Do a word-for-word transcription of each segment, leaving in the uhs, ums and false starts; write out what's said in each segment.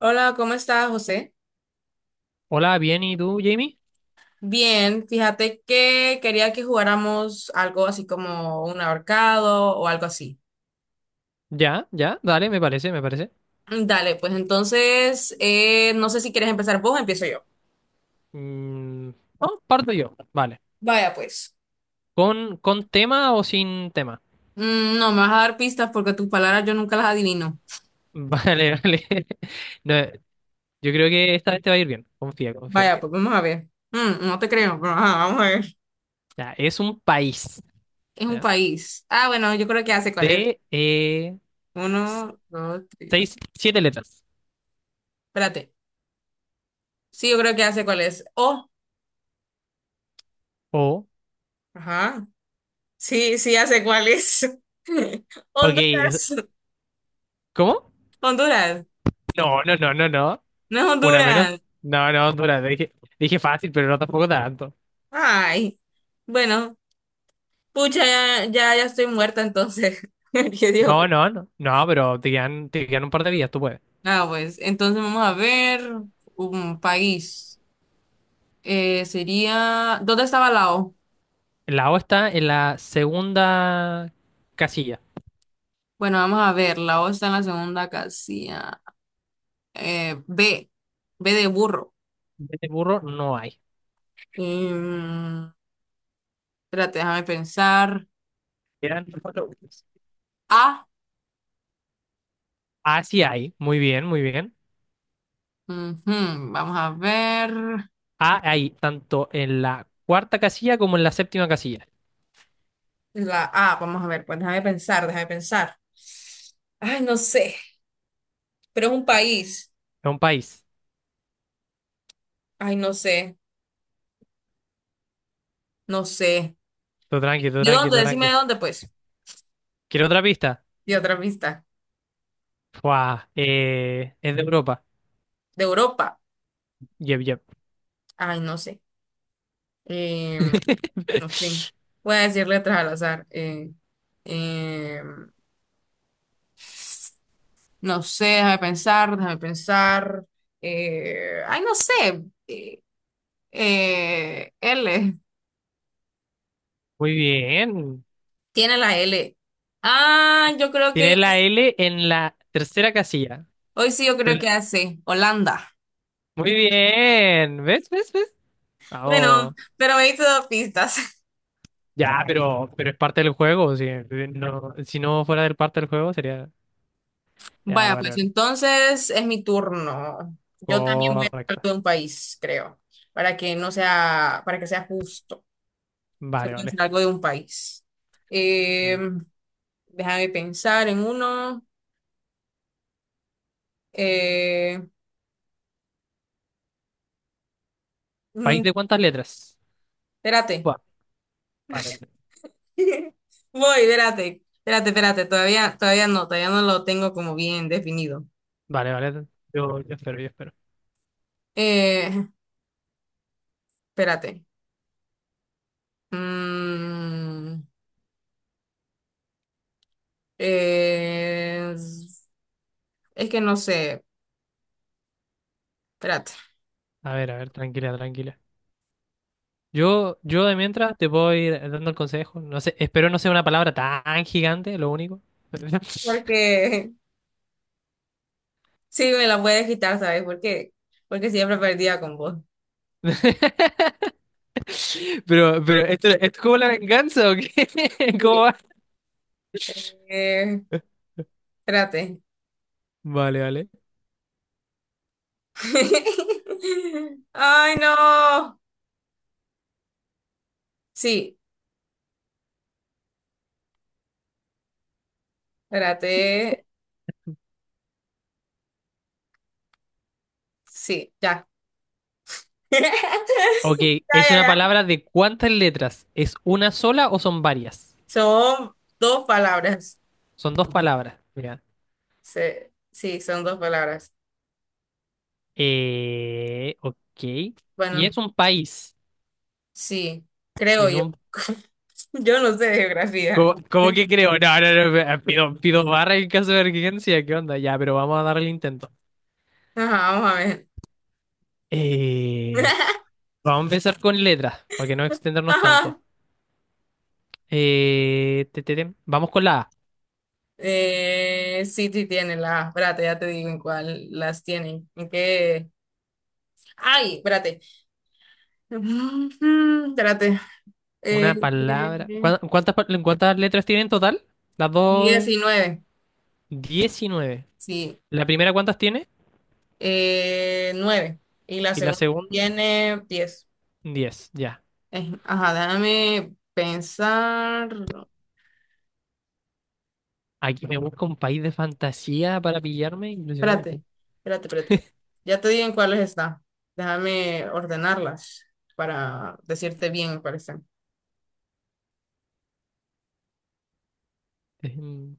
Hola, ¿cómo estás, José? Hola, bien, ¿y tú, Jamie? Bien, fíjate que quería que jugáramos algo así como un ahorcado o algo así. Ya, ya, dale, me parece, me parece. Mm, Dale, pues entonces, eh, no sé si quieres empezar vos o empiezo yo. Mm, no, parto yo, vale. Vaya, pues. ¿Con, con tema o sin tema? Mm, no, me vas a dar pistas porque tus palabras yo nunca las adivino. Vale, vale. No, yo creo que esta vez te va a ir bien, confía, confía. Vaya, pues vamos a ver. Mm, no te creo, pero ajá, vamos a ver. Ya, es un país, Es un ya, país. Ah, bueno, yo creo que hace cuál es. de eh, Uno, dos, tres. seis, siete letras. Espérate. Sí, yo creo que hace cuál es. Oh, O, ajá. Sí, sí, hace cuál es. ok, es- Honduras. ¿cómo? Honduras, No, no, no, no, no. no es Una menos. Honduras. No, no, dura, dije, dije fácil, pero no tampoco tanto. Ay, bueno, pucha, ya, ya, ya estoy muerta entonces. ¿Qué digo? No, no, no, no, pero te quedan, te quedan un par de días, tú puedes. Ah, pues, entonces vamos a ver un país. Eh, sería, ¿dónde estaba Lao? La O está en la segunda casilla. Bueno, vamos a ver, Lao está en la segunda casilla. Eh, B, B de burro. De burro no hay. Em, espérate, déjame pensar. Eran cuatro burros. A, A sí hay. Muy bien, muy bien. ujú, vamos a ver. A hay tanto en la cuarta casilla como en la séptima casilla. La A, vamos a ver, pues déjame pensar, déjame pensar. Ay, no sé, pero es un país. Es un país. Ay, no sé, no sé. Todo tranqui, todo ¿De tranqui, dónde? todo Decime tranqui. de dónde, pues. ¿Quiere otra pista? De otra pista. Fua, eh, es de Europa. De Europa. Yep, yep. Ay, no sé. Eh, no sé. Voy a decir letras al azar. Eh, eh, no sé, déjame pensar, déjame pensar. Eh, ay, no sé. Eh, eh, L. Muy bien. Tiene la L. Ah, yo creo que Tiene ya- la L en la tercera casilla. hoy sí, yo Te creo la- que hace Holanda. Muy bien. ¿Ves? ¿Ves? ¿Ves? Bueno, Vamos. pero me diste dos pistas. Ya, pero, pero es parte del juego. Si no, si no fuera del parte del juego, sería. Ya, Vaya, vale, pues vale. entonces es mi turno. Yo también voy a hablar Correcto. de un país, creo, para que no sea, para que sea justo. Se Vale, puede vale. decir algo de un país. Eh, Mm. déjame pensar en uno. Eh, ¿País mm, de cuántas letras? espérate. Buah, vale, vale. Voy, espérate. Espérate, espérate. Todavía, todavía no, todavía no lo tengo como bien definido. Vale, vale. Yo, yo espero, yo espero. Eh, espérate. Mm, eh, Es que no sé, espérate. A ver, a ver, tranquila, tranquila. Yo, yo de mientras te puedo ir dando el consejo. No sé, espero no sea una palabra tan gigante, lo único. Porque sí, me la puedes quitar, ¿sabes? Porque, porque siempre perdía con vos. Pero, pero, ¿esto, esto es como la venganza o qué? ¿Cómo Sí. va? Eh, espérate. Vale, vale. Ay, no. Sí, espérate. Sí, ya. Ok, Ya, ¿es ya, una ya. palabra de cuántas letras? ¿Es una sola o son varias? Son dos palabras. Son dos palabras. Mira. Se- Sí, son dos palabras. Eh, ok. Y es Bueno, un país. sí, Y creo es yo. un... Yo no sé de geografía. ¿Cómo, cómo que creo? No, no, no. eh, Pido, pido barra en caso de emergencia. ¿Qué onda? Ya, pero vamos a darle el intento. Ajá, vamos a ver. Eh, vamos a empezar con letras, para que no extendernos Ajá. tanto. Eh, te, te, te. Vamos con la A. Eh, sí, sí tiene las, espérate, ya te digo en cuál las tienen. ¿En qué? Ay, espérate. Mm, Espérate. Una Eh, palabra. ¿Cuá- ¿Cuántas, pa- ¿cuántas letras tiene en total? Las dos... diecinueve, Diecinueve. sí. ¿La primera cuántas tiene? Eh, nueve. Y la Y la segunda segunda, tiene diez. diez ya. Eh, ajá, déjame pensar. Aquí me busca un país de fantasía para pillarme, Espérate, impresionante. espérate, espérate. Ya te digo en cuáles está. Déjame ordenarlas para decirte bien, me parece. Em,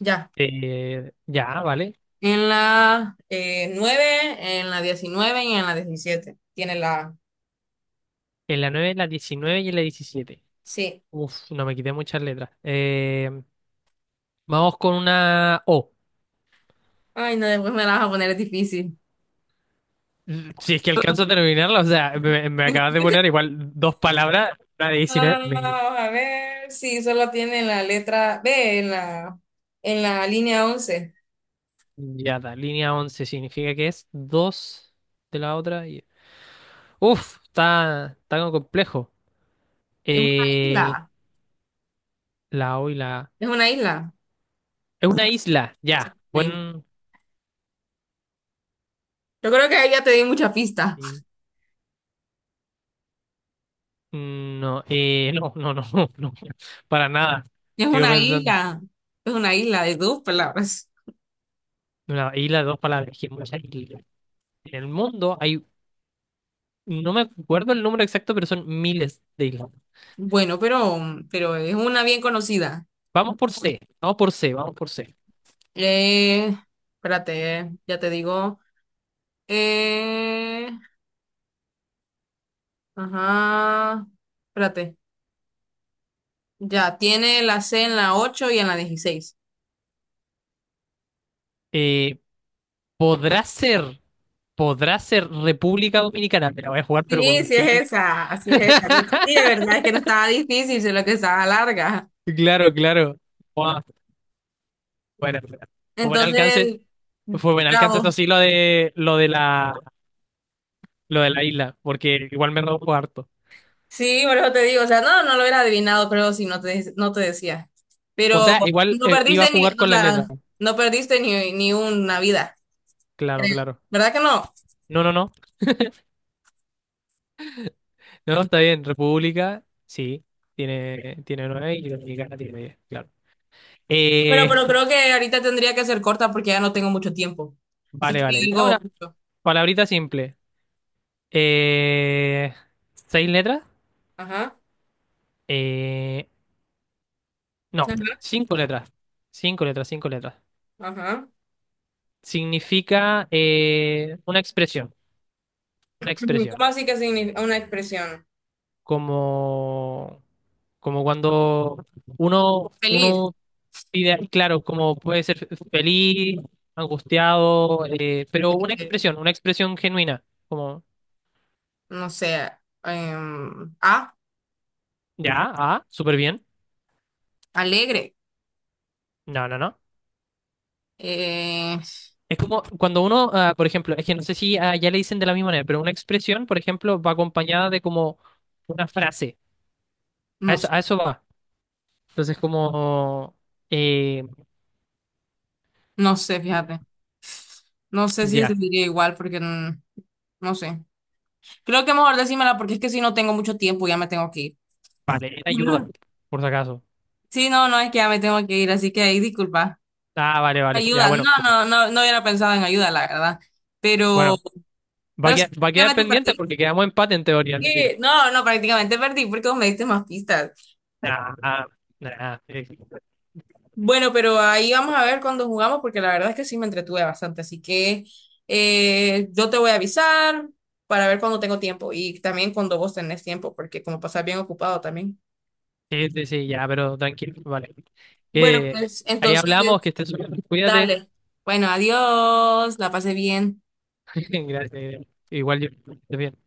Ya. eh, ya, vale. En la eh, nueve, en la diecinueve y en la diecisiete tiene la A. En la nueve en la diecinueve y en la diecisiete. Sí. Uf, no me quité muchas letras. Em, vamos con una O. Ay, no, después me la vas a poner, es difícil. Si es que alcanzo a terminarla, o sea, me, me acabas de poner igual dos palabras. La de diecinueve, me- Ah, a ver. Sí, solo tiene la letra B en la, en la, línea once. ya está. Línea once significa que es dos de la otra. Y... Uf, está, está algo complejo. Es una Eh, isla. la O y la A. Es una isla. Es una isla, ya. Una isla. Buen. Yo creo que ahí ya te di mucha pista. Sí. Mm, no, eh, no, no, no, no, no, para nada. Es Sigo una pensando. isla. Es una isla de dos palabras. Una isla de dos palabras. Que mucha isla. En el mundo hay, no me acuerdo el número exacto, pero son miles de islas. Bueno, pero, pero es una bien conocida. Vamos por C, vamos por C, vamos por C. Eh, espérate, ya te digo. Eh, Ajá. Espérate. Ya, tiene la C en la ocho y en la dieciséis. Eh, podrá ser, podrá ser República Dominicana. Me la voy a jugar, pero con Sí, un sí triple. es esa, así es esa. Sí, de verdad es que no estaba difícil, sino que estaba larga. Claro, claro. Buah, Bueno, bueno. Fue buen alcance, Entonces, fue buen alcance. bravo. Esto sí, lo de, lo de la. Lo de la isla, porque igual me robo harto. Sí, por eso te digo, o sea, no, no lo hubiera adivinado, creo, si no te, no te decía. O Pero sea, igual no eh, iba perdiste a ni, jugar o con la sea, letra. no perdiste ni, ni una vida, Claro, creo. claro. ¿Verdad que no? No, no, no. No, está bien. República, sí. Tiene, tiene nueve y Dominicana tiene diez, claro. Pero, Eh, pero creo que ahorita tendría que ser corta porque ya no tengo mucho tiempo. Así vale, que vale. Y algo ahora, justo. palabrita simple. Eh, ¿seis letras? Ajá, Eh, no, ajá, cinco letras. Cinco letras, cinco letras. ajá. Significa eh, una expresión. Una Ujú, ¿cómo expresión. así que significa una expresión? Como, como cuando uno, Feliz, uno ideal, claro, como puede ser feliz, angustiado, eh, pero una eh, expresión, una expresión genuina, como, no sé, em, ah, ya, ah, súper bien, alegre, no, no, no. eh, Es como cuando uno, ah, por ejemplo, es que no sé si ah, ya le dicen de la misma manera, pero una expresión, por ejemplo, va acompañada de como una frase, no, a eso, s- a eso va. Entonces, como, eh, no sé, fíjate, no sé si se ya, diría igual porque mm, no sé. Creo que mejor decímela porque es que si no tengo mucho tiempo ya me tengo que ir. vale, ayuda, por si acaso. Sí, no, no, es que ya me tengo que ir, así que ahí disculpa. Ah, vale, vale, ya, Ayuda, bueno, no, no, no, no hubiera pensado en ayuda, la verdad, pero, bueno, va a pero sí, quedar, va a quedar prácticamente pendiente perdí. porque quedamos empate en teoría. Así Sí, no, no, prácticamente perdí porque vos me diste más pistas. ah, ah. Nah, nah, eh, Bueno, pero ahí vamos a ver cuando jugamos, porque la verdad es que sí me entretuve bastante. Así que eh, yo te voy a avisar para ver cuando tengo tiempo y también cuando vos tenés tiempo, porque como pasás bien ocupado también. sí, sí, sí, ya, pero tranquilo, vale. Bueno, Que pues ahí hablamos, que entonces, estés súper, bien, cuídate. dale. Bueno, adiós, la pasé bien. Gracias. Igual yo. Estés bien.